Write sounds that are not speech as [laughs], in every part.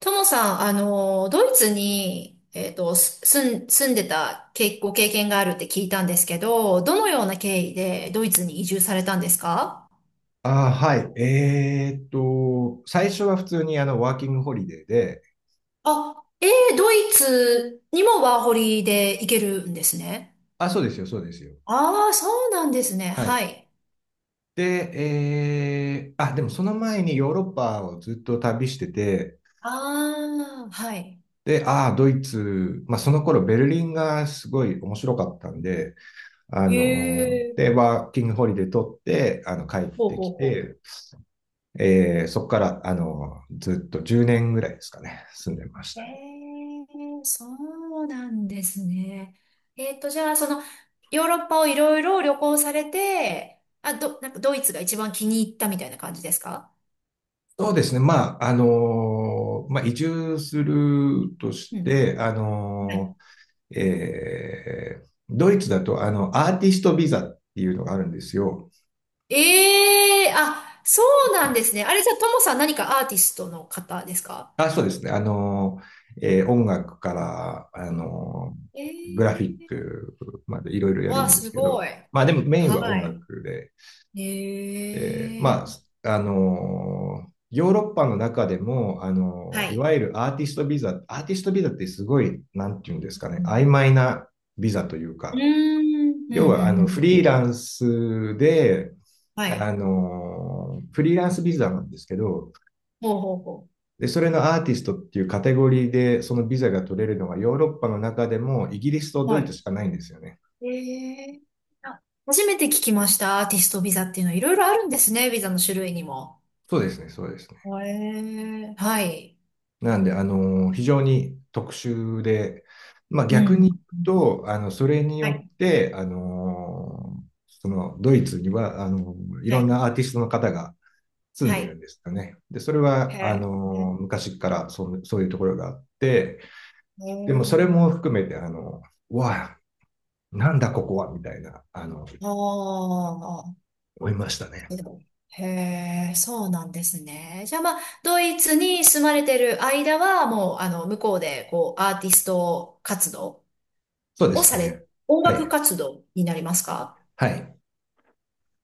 ともさん、ドイツに、えっと、す住ん、住んでたけ、ご経験があるって聞いたんですけど、どのような経緯でドイツに移住されたんですか？ああ、はい。最初は普通にワーキングホリデーで、あ、えー、ドイツにもワーホリで行けるんですね。あ、そうですよ、そうですよ。ああ、そうなんですね。はい。はい。で、えー、あ、でもその前にヨーロッパをずっと旅してて、ああ、はい。で、ああ、ドイツ、まあその頃ベルリンがすごい面白かったんで、へえ、ワーキングホリデー取って、帰っほうてほきうほ、て、そこから、ずっと10年ぐらいですかね、住んでましえた。ー、そうなんですね。じゃあ、その、ヨーロッパをいろいろ旅行されて、なんかドイツが一番気に入ったみたいな感じですか？そうですね。移住するとしうん。て、はい。ドイツだと、アーティストビザっていうのがあるんですよ。ええー、あ、そうなんですね。あれじゃあ、ともさん何かアーティストの方ですか？あ、そうですね。音楽から、グラフィッええクまでいろいろー、やるわあ、んですすけごど、い。まあでもメインはは音い。楽で、で、ええー、まヨーロッパの中でも、はいい。わゆるアーティストビザってすごい、なんていうんですうかね、曖ん。昧なビザといううーか、ん、うん、要うん、は、うん。はい。フリーランスビザなんですけど、ほうほうほで、それのアーティストっていうカテゴリーで、そのビザが取れるのはヨーロッパの中でもイギリスとう。ドはイツい。しかないんですよね。ええ、あ、初めて聞きました。アーティストビザっていうのはいろいろあるんですね。ビザの種類にも。そうですね、そうですね。ええ、はい。なんで、非常に特殊で、まあう逆ん。に言うと、はい。そのドイツには、いはろんい。なアーティストの方が住んはでるい。んですよね。で、それへは、あえ。の、ね、昔からそう、そういうところがあって、へでもそれえ、も含めて、あの、うわあ、なんだここは、みたいな、ああ。思いましたね。へえ、そうなんですね。じゃあまあ、ドイツに住まれてる間は、もう、向こうで、こう、アーティスト活動そうでをすさね。れ、音は楽い。活動になりますか？はい。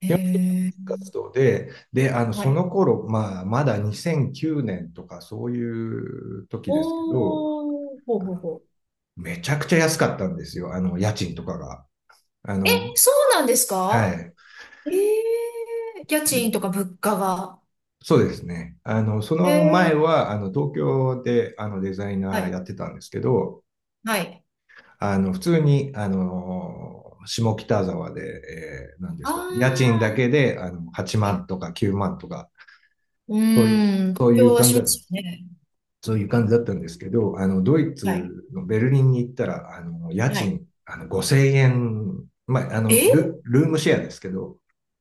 へ基本的にえ。活動で、はそい。の頃、まあ、まだ2009年とかそういう時ですけど、おー、ほうほうほう。めちゃくちゃ安かったんですよ、家賃とかが。あえ、の、そうなんですはか？い。ええ家賃で、とか物価が。そうですね。そえの前え、は、東京で、デザイはナーやい、ってたんですけど、はい。あの、普通に、あの、下北沢で、なんであすかね、家賃だあ、けで、8は万い。とか9万とか、うーん、妥そうい協うは感しじだますよね。そういう感じだったんですけど、ドイはい、ツのベルリンに行ったら、あの、家はい。賃、あの、5000円、まあ、え、ルームシェアですけど、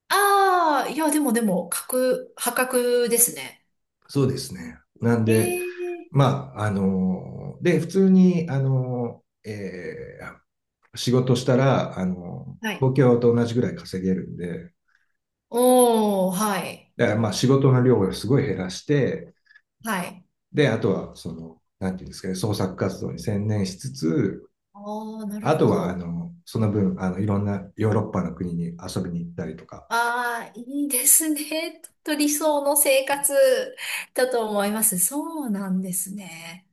ああー、いや、でもでも、破格ですね。そうですね。なんえで、え、普通に、仕事したら、はい。東京と同じぐらい稼げるんで、おー、はい、だからまあ仕事の量をすごい減らして、はい。で、あとは、その、なんていうんですかね、創作活動に専念しつつ、ああ、なるあほとは、ど。その分、いろんなヨーロッパの国に遊びに行ったりとか、ああ、いいですね。[laughs] とっと理想の生活だと思います。そうなんですね。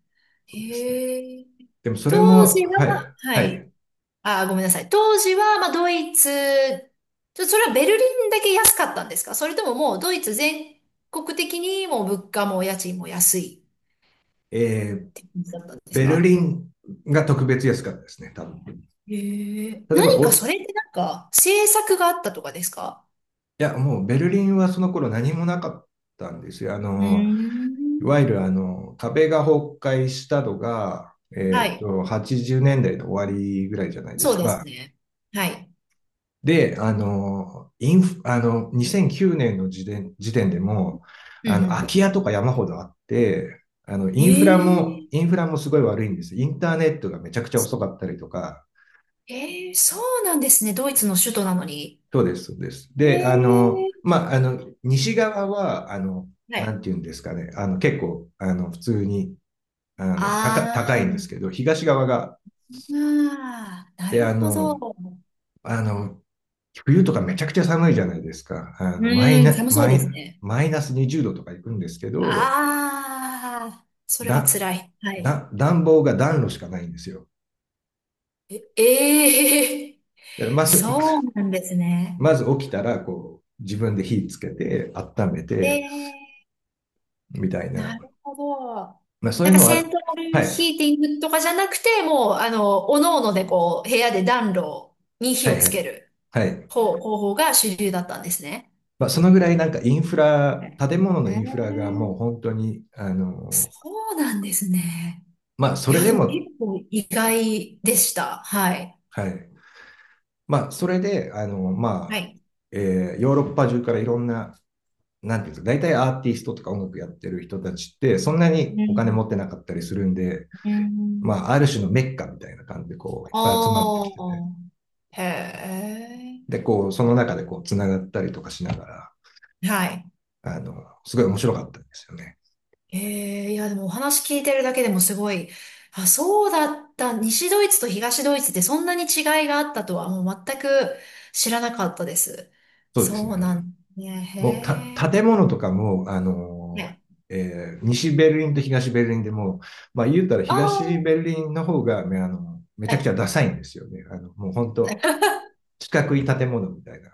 そうですね。へえ。でもそれ当も、時は、はい、ははい。い。あ、ごめんなさい。当時は、まあ、ドイツ、ちょ、それはベルリンだけ安かったんですか、それとももうドイツ全国的にもう物価も家賃も安いえっー、て感じだったんですベルか？リンが特別安かったですね、多分。へえ。例えば、何かお、いそれってなんか政策があったとかですか？や、もうベルリンはその頃何もなかったんですよ。うーいん。わゆる、壁が崩壊したのが、はい。80年代の終わりぐらいじゃないでそすうですか。ね。はい。で、あの、インフ、あの、2009年の時点でも、うんう空きん。家とか山ほどあって、ええ。インフラもすごい悪いんです。インターネットがめちゃくちゃ遅かったりとか、ええ、そうなんですね。ドイツの首都なのに。そうです、そうです。えで、あの、え。まあ、あの、西側は、はなんい。ていうんですかね、あの、結構、あの、普通に、あの、高、高あいんであ。すけど、東側が、ああ、なで、るあほど。うの、あの、冬とかめちゃくちゃ寒いじゃないですか。ーん、寒そうですね。マイナス20度とか行くんですけど、ああ、それはだ、辛い。はい。暖房が暖炉しかないんですよ。え、ええ。 だから [laughs] まず、そうなんです [laughs] ね。まず起きたら、こう、自分で火つけて、温めえて、え、みたいな。なるほど。まあそういなんうかのセンは、トラはルヒい、ーティングとかじゃなくて、もう、おのおのでこう、部屋で暖炉に火はいをつはけい、るはい。方法が主流だったんですね。まあそのぐらいインフはラ、い、建物のえインフラがもうえ、本当に、そうなんですね。まあそいれや、ででも結も、構意外でした。はい。はい。まあそれで、あの、はまあ、い。えーヨーロッパ中からいろんな、なんていうんですか、大体アーティストとか音楽やってる人たちって、そんなにうお金ん。持ってなかったりするんで、うん。まあ、ある種のメッカみたいな感じで、こう、いっぱい集まってあきてて、あ、へえ。で、こう、その中でこう、つながったりとかしながら、はい。あの、すごい面白かったんですよね。ええ、いや、でもお話聞いてるだけでもすごい、あ、そうだった。西ドイツと東ドイツってそんなに違いがあったとはもう全く知らなかったです。そうですそね。うなんね。へもう、た、建え。物とかも、ね、西ベルリンと東ベルリンでも、まあ、言うたらあ東ベルあ、リンの方が、ね、めちはゃくちい。ゃダサいんですよね。もう本当、四角い建物みたいな、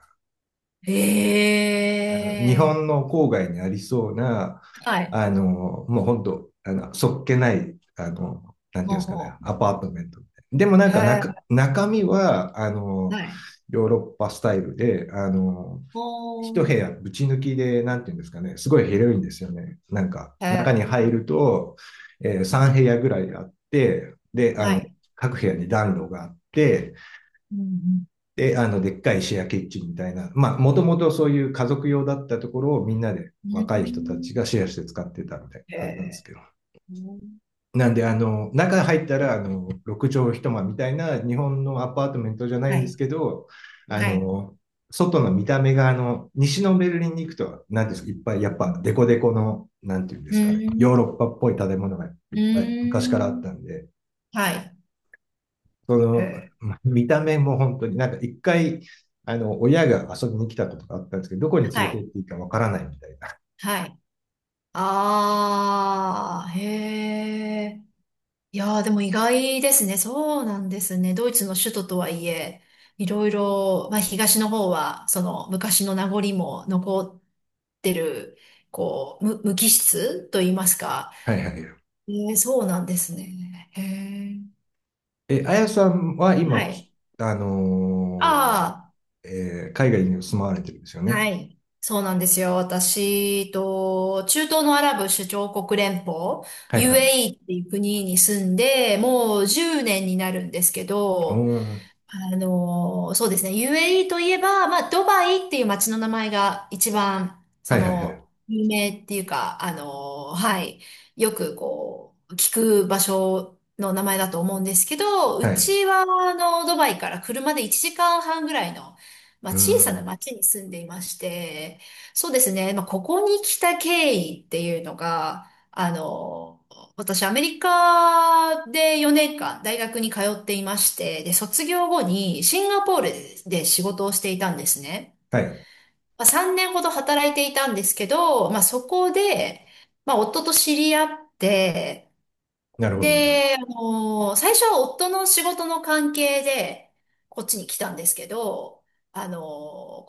へあの日え。本の郊外にありそうな、はい。あの、もう本当、あの、そっけない、なんていうんほでうすかね、ほアパートメント。でもなんう。へか中、え。中身は、はい。ヨーロッパスタイルで、お一部ー、屋ぶち抜きで、なんていうんですかね、すごい広いんですよね。なんか、へ中にえ、入ると、3部屋ぐらいあって、で、あはの、い。各部屋に暖炉があって、うん、で、あの、でっかいシェアキッチンみたいな、まあ、もともとそういう家族用だったところをみんなでうん、若い人たうちがシェアして使ってたみたいなーん、へ感じなんですけえ、ど。うん、なんで、中入ったら、6畳一間みたいな日本のアパートメントじゃないはんですい、けど、あはい。の、外の見た目が、西のベルリンに行くと、なんですか、いっぱい、やうっぱ、ん、デコデコの、なんていうんですかね、ヨーうロッパっぽい建物がいっぱい昔ーからあっん、たんで、はい、そへの、え、ま見た目も本当になんか一回、親が遊びに来たことがあったんですけど、どこには連れて行い、っていいかわからないみたいな。はい。ああ、へえ。いやー、でも意外ですね。そうなんですね。ドイツの首都とはいえ、いろいろ、まあ東の方は、その昔の名残も残ってる、こう、無機質と言いますか、はいはいはい。ええ、そうなんですね。へえ。え、あやさんはは今、い。あのあ海外に住まわれてるんですよあ、ね。はい。そうなんですよ。私と、中東のアラブ首長国連邦、はいはい。UAE っていう国に住んで、もう10年になるんですけおど、ー、そうですね。UAE といえば、まあ、ドバイっていう街の名前が一番、はそいはいはい。の、有名っていうか、あの、はい。よくこう、聞く場所の名前だと思うんですけど、はうい。ちは、あの、ドバイから車で1時間半ぐらいの、まうあ、小ーさなん。町に住んでいまして、そうですね。まあ、ここに来た経緯っていうのが、あの、私、アメリカで4年間大学に通っていまして、で、卒業後にシンガポールで仕事をしていたんですね。はい。まあ、3年ほど働いていたんですけど、まあ、そこで、まあ、夫と知り合って、なるほど、なるほど。で、あの、最初は夫の仕事の関係でこっちに来たんですけど、あの、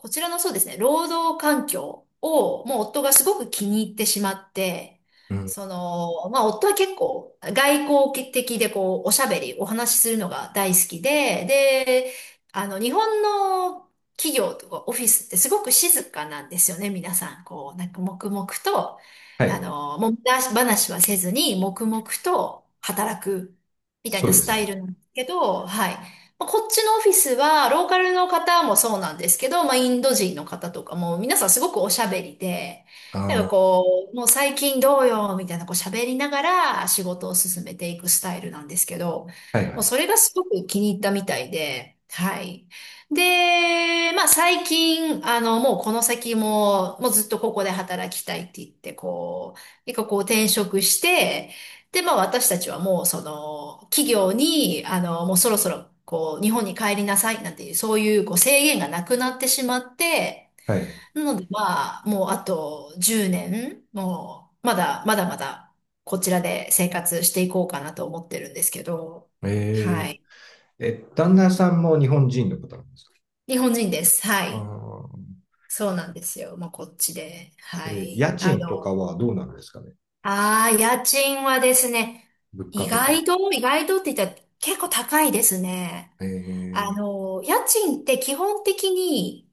こちらのそうですね、労働環境を、もう夫がすごく気に入ってしまって、うん。その、まあ夫は結構外交的でこう、おしゃべり、お話しするのが大好きで、で、あの、日本の企業とかオフィスってすごく静かなんですよね、皆さん。こう、なんか黙々と、はあい。の、もみ出し話はせずに、黙々と働く、みたいそなうでスすタイね。ルなんですけど、はい。まあ、こっちのオフィスは、ローカルの方もそうなんですけど、まあ、インド人の方とかも、皆さんすごくおしゃべりで、あなんあ、かはこう、もう最近どうよ、みたいな、こう喋りながら仕事を進めていくスタイルなんですけど、いはもうい。それがすごく気に入ったみたいで、はい。で、まあ最近、あの、もうこの先も、もうずっとここで働きたいって言って、こう、結構こう転職して、で、まあ私たちはもうその、企業に、あの、もうそろそろ、こう、日本に帰りなさいなんていう、そういうこう制限がなくなってしまって、はい。なのでまあ、もうあと10年、もう、まだまだ、こちらで生活していこうかなと思ってるんですけど、はえい。旦那さんも日本人の方なんですか？日本人です。はあい。あー、そうなんですよ。まあ、こっちで。は家い。あ賃との、かはどうなんですかね？ああ、家賃はですね、物価とか。意外とって言ったら結構高いですね。あええの、家賃って基本的に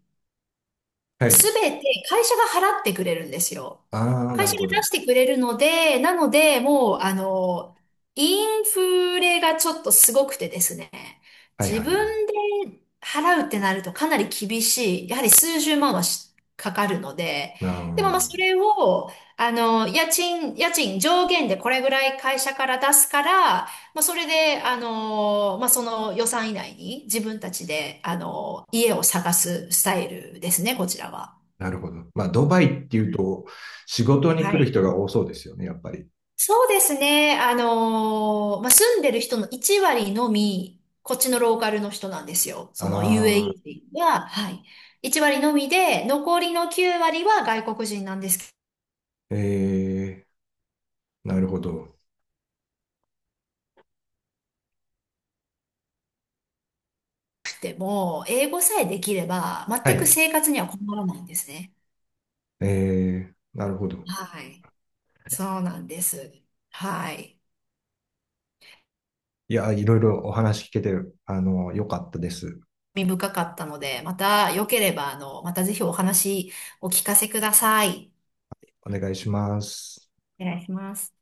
はすい。べて会社が払ってくれるんですよ。ああ、な会社るがほ出ど。してくれるので、なので、もう、あの、インフレがちょっとすごくてですね、はい自はいはい。分で払うってなるとかなり厳しい、やはり数十万はかかるので、ああ、でもまあそれを、あの、家賃上限でこれぐらい会社から出すから、まあ、それで、あのーまあ、その予算以内に自分たちで、あのー家を探すスタイルですね、こちらは。なるほど。まあ、ドバイっていはうい。と、仕事には来るい、人が多そうですよね、やっぱり。そうですね。あのーまあ、住んでる人の1割のみ、こっちのローカルの人なんですよ。その ああ、UAE 人は、はい。1割のみで、残りの9割は外国人なんですええなるほど。けども、英語さえできれば、は全くい。生活には困らないんですね。ええなるほど。はい。そうなんです。はい。いや、いろいろお話聞けて、よかったです。興味深かったので、また良ければ、あの、またぜひお話お聞かせください。お願いします。お願いします。